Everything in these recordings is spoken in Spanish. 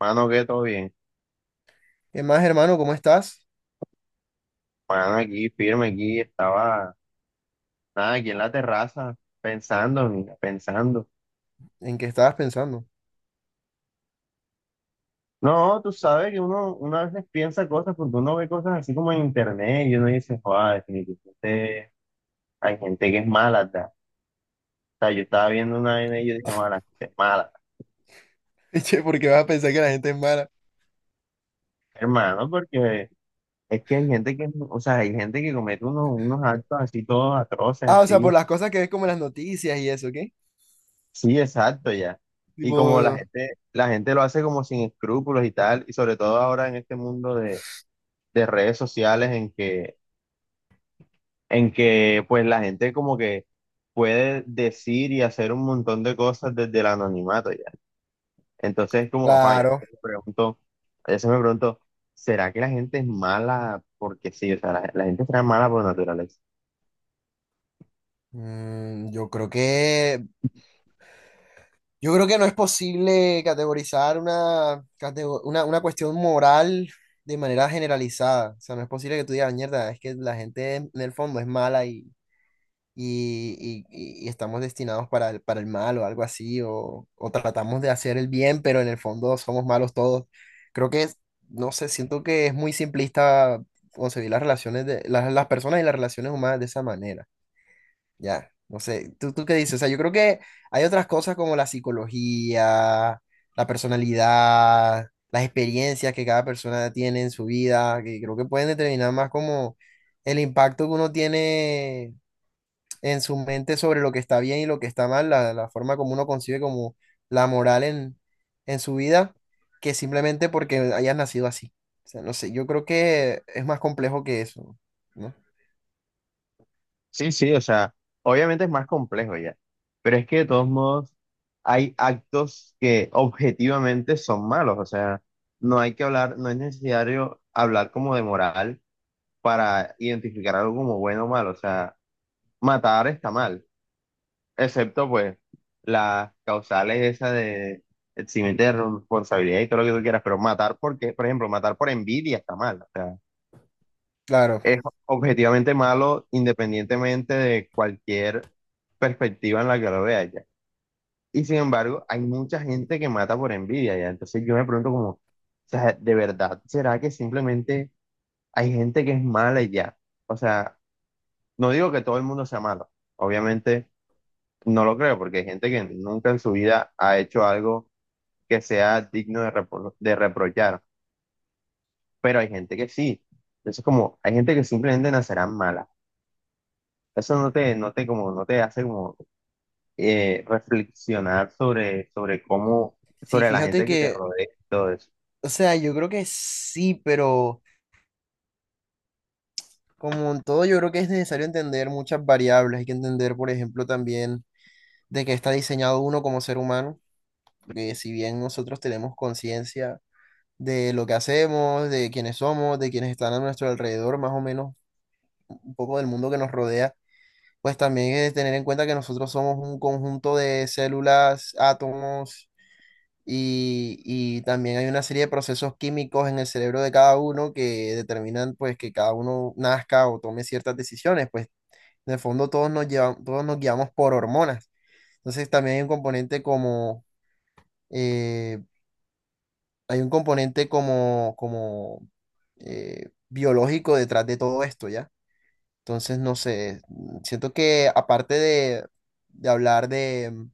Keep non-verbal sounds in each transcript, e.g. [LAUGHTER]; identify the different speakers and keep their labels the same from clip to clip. Speaker 1: Mano, que todo bien.
Speaker 2: ¿Qué más, hermano? ¿Cómo estás?
Speaker 1: Mano, aquí firme, aquí estaba, nada, aquí en la terraza, pensando, mira, pensando.
Speaker 2: ¿En qué estabas pensando?
Speaker 1: No, tú sabes que uno a veces piensa cosas porque uno ve cosas así como en internet y uno dice, joder, definitivamente hay gente que es mala, ¿verdad? O sea, yo estaba viendo una vaina y yo dije, joder, la gente es mala,
Speaker 2: [LAUGHS] Che, ¿por qué vas a pensar que la gente es mala?
Speaker 1: hermano, porque es que hay gente que, o sea, hay gente que comete unos actos así todos atroces,
Speaker 2: Ah, o sea, por
Speaker 1: así.
Speaker 2: las cosas que ves como en las noticias y eso, ¿qué?
Speaker 1: Sí, exacto, ya. Y
Speaker 2: Tipo,
Speaker 1: como la gente lo hace como sin escrúpulos y tal, y sobre todo ahora en este mundo de redes sociales en que pues la gente como que puede decir y hacer un montón de cosas desde el anonimato ya. Entonces como, vaya,
Speaker 2: claro.
Speaker 1: a veces me pregunto, ¿será que la gente es mala porque sí? O sea, la gente será mala por naturaleza.
Speaker 2: Mm, yo creo que, yo creo que no es posible categorizar una cuestión moral de manera generalizada. O sea, no es posible que tú digas, mierda, es que la gente en el fondo es mala y estamos destinados para el mal o algo así, o tratamos de hacer el bien, pero en el fondo somos malos todos. Creo que es, no sé, siento que es muy simplista concebir las relaciones de las personas y las relaciones humanas de esa manera. Ya, no sé, tú qué dices? O sea, yo creo que hay otras cosas como la psicología, la personalidad, las experiencias que cada persona tiene en su vida, que creo que pueden determinar más como el impacto que uno tiene en su mente sobre lo que está bien y lo que está mal, la forma como uno concibe como la moral en su vida, que simplemente porque hayas nacido así. O sea, no sé, yo creo que es más complejo que eso, ¿no?
Speaker 1: Sí, sí, o sea, obviamente es más complejo ya, pero es que de todos modos hay actos que objetivamente son malos, o sea, no es necesario hablar como de moral para identificar algo como bueno o malo, o sea, matar está mal, excepto pues las causales esas de eximiente de responsabilidad y todo lo que tú quieras, pero matar por envidia está mal, o sea
Speaker 2: Claro,
Speaker 1: es objetivamente malo independientemente de cualquier perspectiva en la que lo veas ya. Y sin embargo, hay mucha gente que mata por envidia ya. Entonces yo me pregunto como, o sea, ¿de verdad será que simplemente hay gente que es mala y ya? O sea, no digo que todo el mundo sea malo. Obviamente no lo creo porque hay gente que nunca en su vida ha hecho algo que sea digno de, de reprochar. Pero hay gente que sí. Entonces como, hay gente que simplemente nacerá mala. Eso no te hace como reflexionar sobre, sobre cómo,
Speaker 2: sí,
Speaker 1: sobre la
Speaker 2: fíjate
Speaker 1: gente que te
Speaker 2: que,
Speaker 1: rodea y todo eso.
Speaker 2: o sea, yo creo que sí, pero como en todo, yo creo que es necesario entender muchas variables. Hay que entender, por ejemplo, también de qué está diseñado uno como ser humano, que si bien nosotros tenemos conciencia de lo que hacemos, de quiénes somos, de quienes están a nuestro alrededor, más o menos un poco del mundo que nos rodea, pues también es tener en cuenta que nosotros somos un conjunto de células, átomos y también hay una serie de procesos químicos en el cerebro de cada uno que determinan pues que cada uno nazca o tome ciertas decisiones, pues en el fondo todos nos llevamos, todos nos guiamos por hormonas. Entonces también hay un componente como... eh, hay un componente como biológico detrás de todo esto, ¿ya? Entonces, no sé, siento que aparte de hablar de, o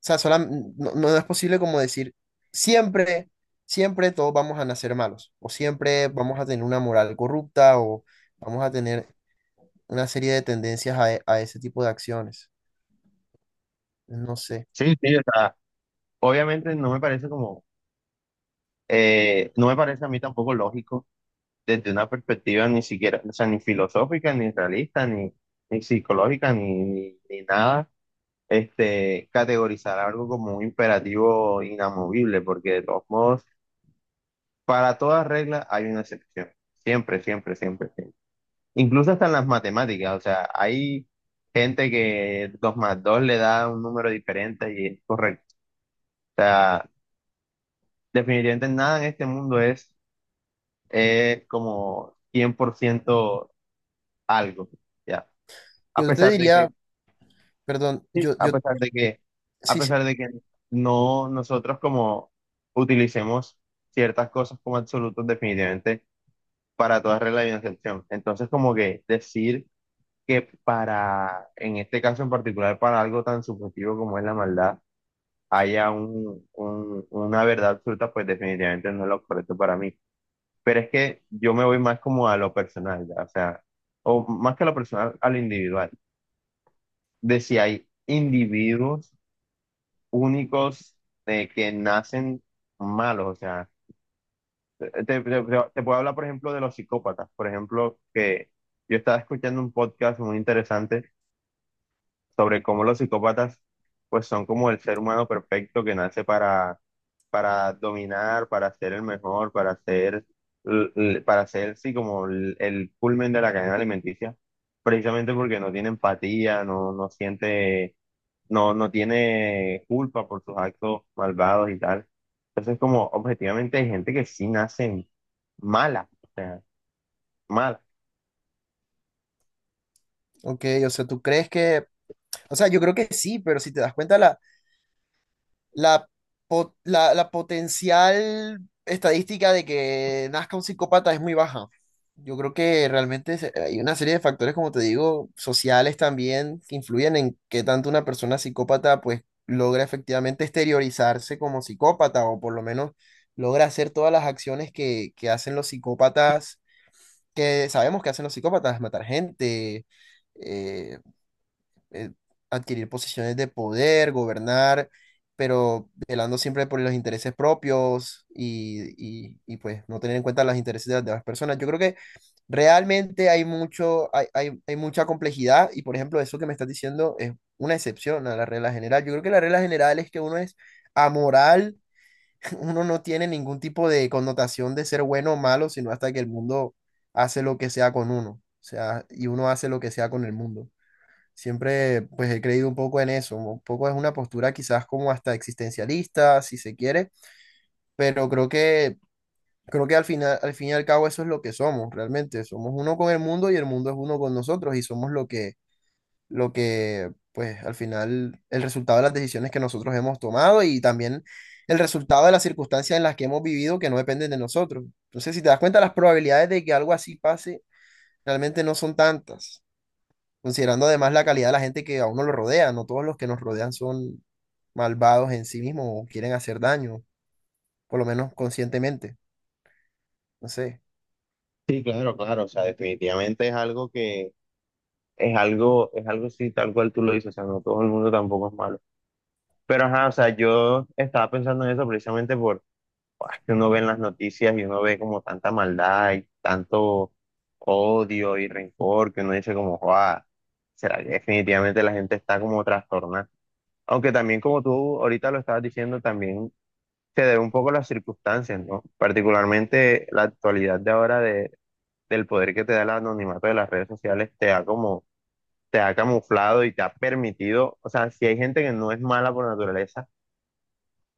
Speaker 2: sea, no es posible como decir, siempre, siempre todos vamos a nacer malos, o siempre vamos a tener una moral corrupta, o vamos a tener una serie de tendencias a, a ese tipo de acciones. No sé.
Speaker 1: Sí, sí, o sea, obviamente no me parece como, no me parece a mí tampoco lógico desde una perspectiva ni siquiera, o sea, ni filosófica, ni realista, ni psicológica, ni nada, este, categorizar algo como un imperativo inamovible, porque de todos modos, para toda regla hay una excepción. Siempre, siempre, siempre, siempre. Incluso hasta en las matemáticas, o sea, hay gente que 2 más 2 le da un número diferente y es correcto. O sea, definitivamente nada en este mundo es, como 100% algo, ¿ya? A
Speaker 2: Yo te
Speaker 1: pesar de que,
Speaker 2: diría, perdón,
Speaker 1: sí, a
Speaker 2: yo,
Speaker 1: pesar de que, a
Speaker 2: sí, sí,
Speaker 1: pesar de que no nosotros como utilicemos ciertas cosas como absolutos definitivamente para toda regla y una excepción. Entonces, como que decir que para, en este caso en particular, para algo tan subjetivo como es la maldad, haya una verdad absoluta, pues definitivamente no es lo correcto para mí. Pero es que yo me voy más como a lo personal, ya. O sea, o más que a lo personal, a lo individual. De si hay individuos únicos de que nacen malos, o sea, te, te, te- te puedo hablar, por ejemplo, de los psicópatas, por ejemplo, que yo estaba escuchando un podcast muy interesante sobre cómo los psicópatas pues son como el ser humano perfecto que nace para dominar, para ser el mejor, para ser, para ser sí como el culmen de la cadena alimenticia, precisamente porque no tiene empatía, no siente, no tiene culpa por sus actos malvados y tal. Entonces como objetivamente hay gente que sí nace mala, o sea, mala.
Speaker 2: ok, o sea, tú crees que... O sea, yo creo que sí, pero si te das cuenta, la, la potencial estadística de que nazca un psicópata es muy baja. Yo creo que realmente hay una serie de factores, como te digo, sociales también, que influyen en qué tanto una persona psicópata pues logra efectivamente exteriorizarse como psicópata o por lo menos logra hacer todas las acciones que hacen los psicópatas, que sabemos que hacen los psicópatas, matar gente, eh, eh, adquirir posiciones de poder, gobernar, pero velando siempre por los intereses propios y, pues no tener en cuenta los intereses de las demás personas. Yo creo que realmente hay mucho, hay mucha complejidad y por ejemplo eso que me estás diciendo es una excepción a la regla general. Yo creo que la regla general es que uno es amoral, [LAUGHS] uno no tiene ningún tipo de connotación de ser bueno o malo, sino hasta que el mundo hace lo que sea con uno. O sea, y uno hace lo que sea con el mundo. Siempre pues he creído un poco en eso, un poco es una postura quizás como hasta existencialista, si se quiere, pero creo que al final al fin y al cabo eso es lo que somos realmente, somos uno con el mundo y el mundo es uno con nosotros y somos lo que pues al final el resultado de las decisiones que nosotros hemos tomado y también el resultado de las circunstancias en las que hemos vivido que no dependen de nosotros. Entonces, si te das cuenta, las probabilidades de que algo así pase realmente no son tantas considerando además la calidad de la gente que a uno lo rodea. No todos los que nos rodean son malvados en sí mismos o quieren hacer daño, por lo menos conscientemente. No sé.
Speaker 1: Sí, claro, claro, o sea, definitivamente es algo así, tal cual tú lo dices, o sea, no todo el mundo tampoco es malo. Pero ajá, o sea, yo estaba pensando en eso precisamente por, ah, que uno ve en las noticias y uno ve como tanta maldad y tanto odio y rencor que uno dice como, "Joa, será que definitivamente la gente está como trastornada. Aunque también como tú ahorita lo estabas diciendo, también se debe un poco a las circunstancias, ¿no? Particularmente la actualidad de ahora del poder que te da el anonimato de las redes sociales te da como te ha camuflado y te ha permitido, o sea, si hay gente que no es mala por naturaleza,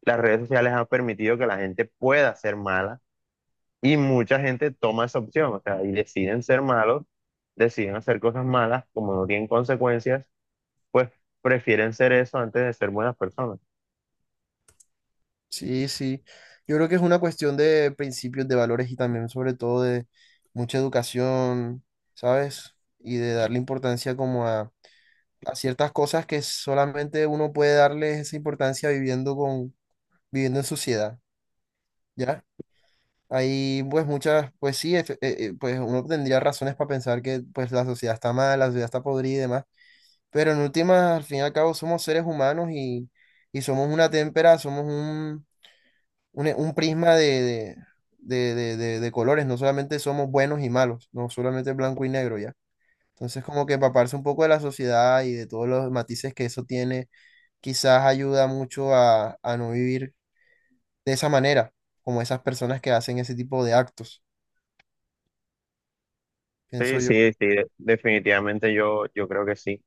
Speaker 1: las redes sociales han permitido que la gente pueda ser mala y mucha gente toma esa opción, o sea, y deciden ser malos, deciden hacer cosas malas, como no tienen consecuencias, pues prefieren ser eso antes de ser buenas personas.
Speaker 2: Sí, sí. Yo creo que es una cuestión de principios, de valores y también sobre todo de mucha educación, ¿sabes? Y de darle importancia como a ciertas cosas que solamente uno puede darle esa importancia viviendo con, viviendo en sociedad, ¿ya? Hay pues muchas, pues sí, pues uno tendría razones para pensar que pues la sociedad está mal, la sociedad está podrida y demás, pero en últimas, al fin y al cabo, somos seres humanos y somos una témpera, somos un prisma de colores, no solamente somos buenos y malos, no solamente blanco y negro ya. Entonces como que empaparse un poco de la sociedad y de todos los matices que eso tiene, quizás ayuda mucho a no vivir de esa manera, como esas personas que hacen ese tipo de actos, pienso
Speaker 1: Sí,
Speaker 2: yo.
Speaker 1: sí, sí, definitivamente yo creo que sí.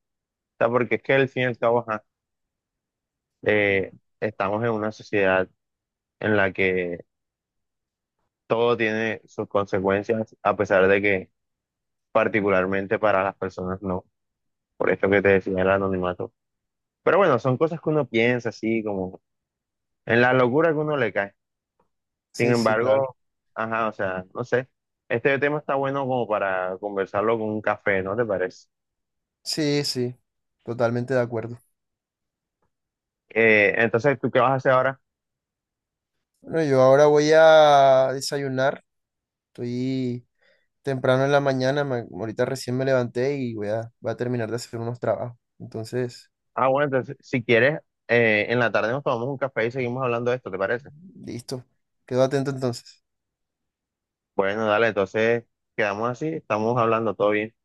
Speaker 1: O sea, porque es que al fin y al cabo, ajá, estamos en una sociedad en la que todo tiene sus consecuencias, a pesar de que particularmente para las personas no, por esto que te decía el anonimato. Pero bueno, son cosas que uno piensa así, como en la locura que uno le cae. Sin
Speaker 2: Sí, sí, claro.
Speaker 1: embargo, ajá, o sea, no sé, este tema está bueno como para conversarlo con un café, ¿no te parece?
Speaker 2: Sí, sí, totalmente de acuerdo.
Speaker 1: Entonces, ¿tú qué vas a hacer ahora?
Speaker 2: Bueno, yo ahora voy a desayunar. Estoy temprano en la mañana, ahorita recién me levanté y voy a, voy a terminar de hacer unos trabajos. Entonces,
Speaker 1: Ah, bueno, entonces, si quieres, en la tarde nos tomamos un café y seguimos hablando de esto, ¿te parece?
Speaker 2: listo. Quedo atento entonces.
Speaker 1: Bueno, dale, entonces quedamos así, estamos hablando todo bien.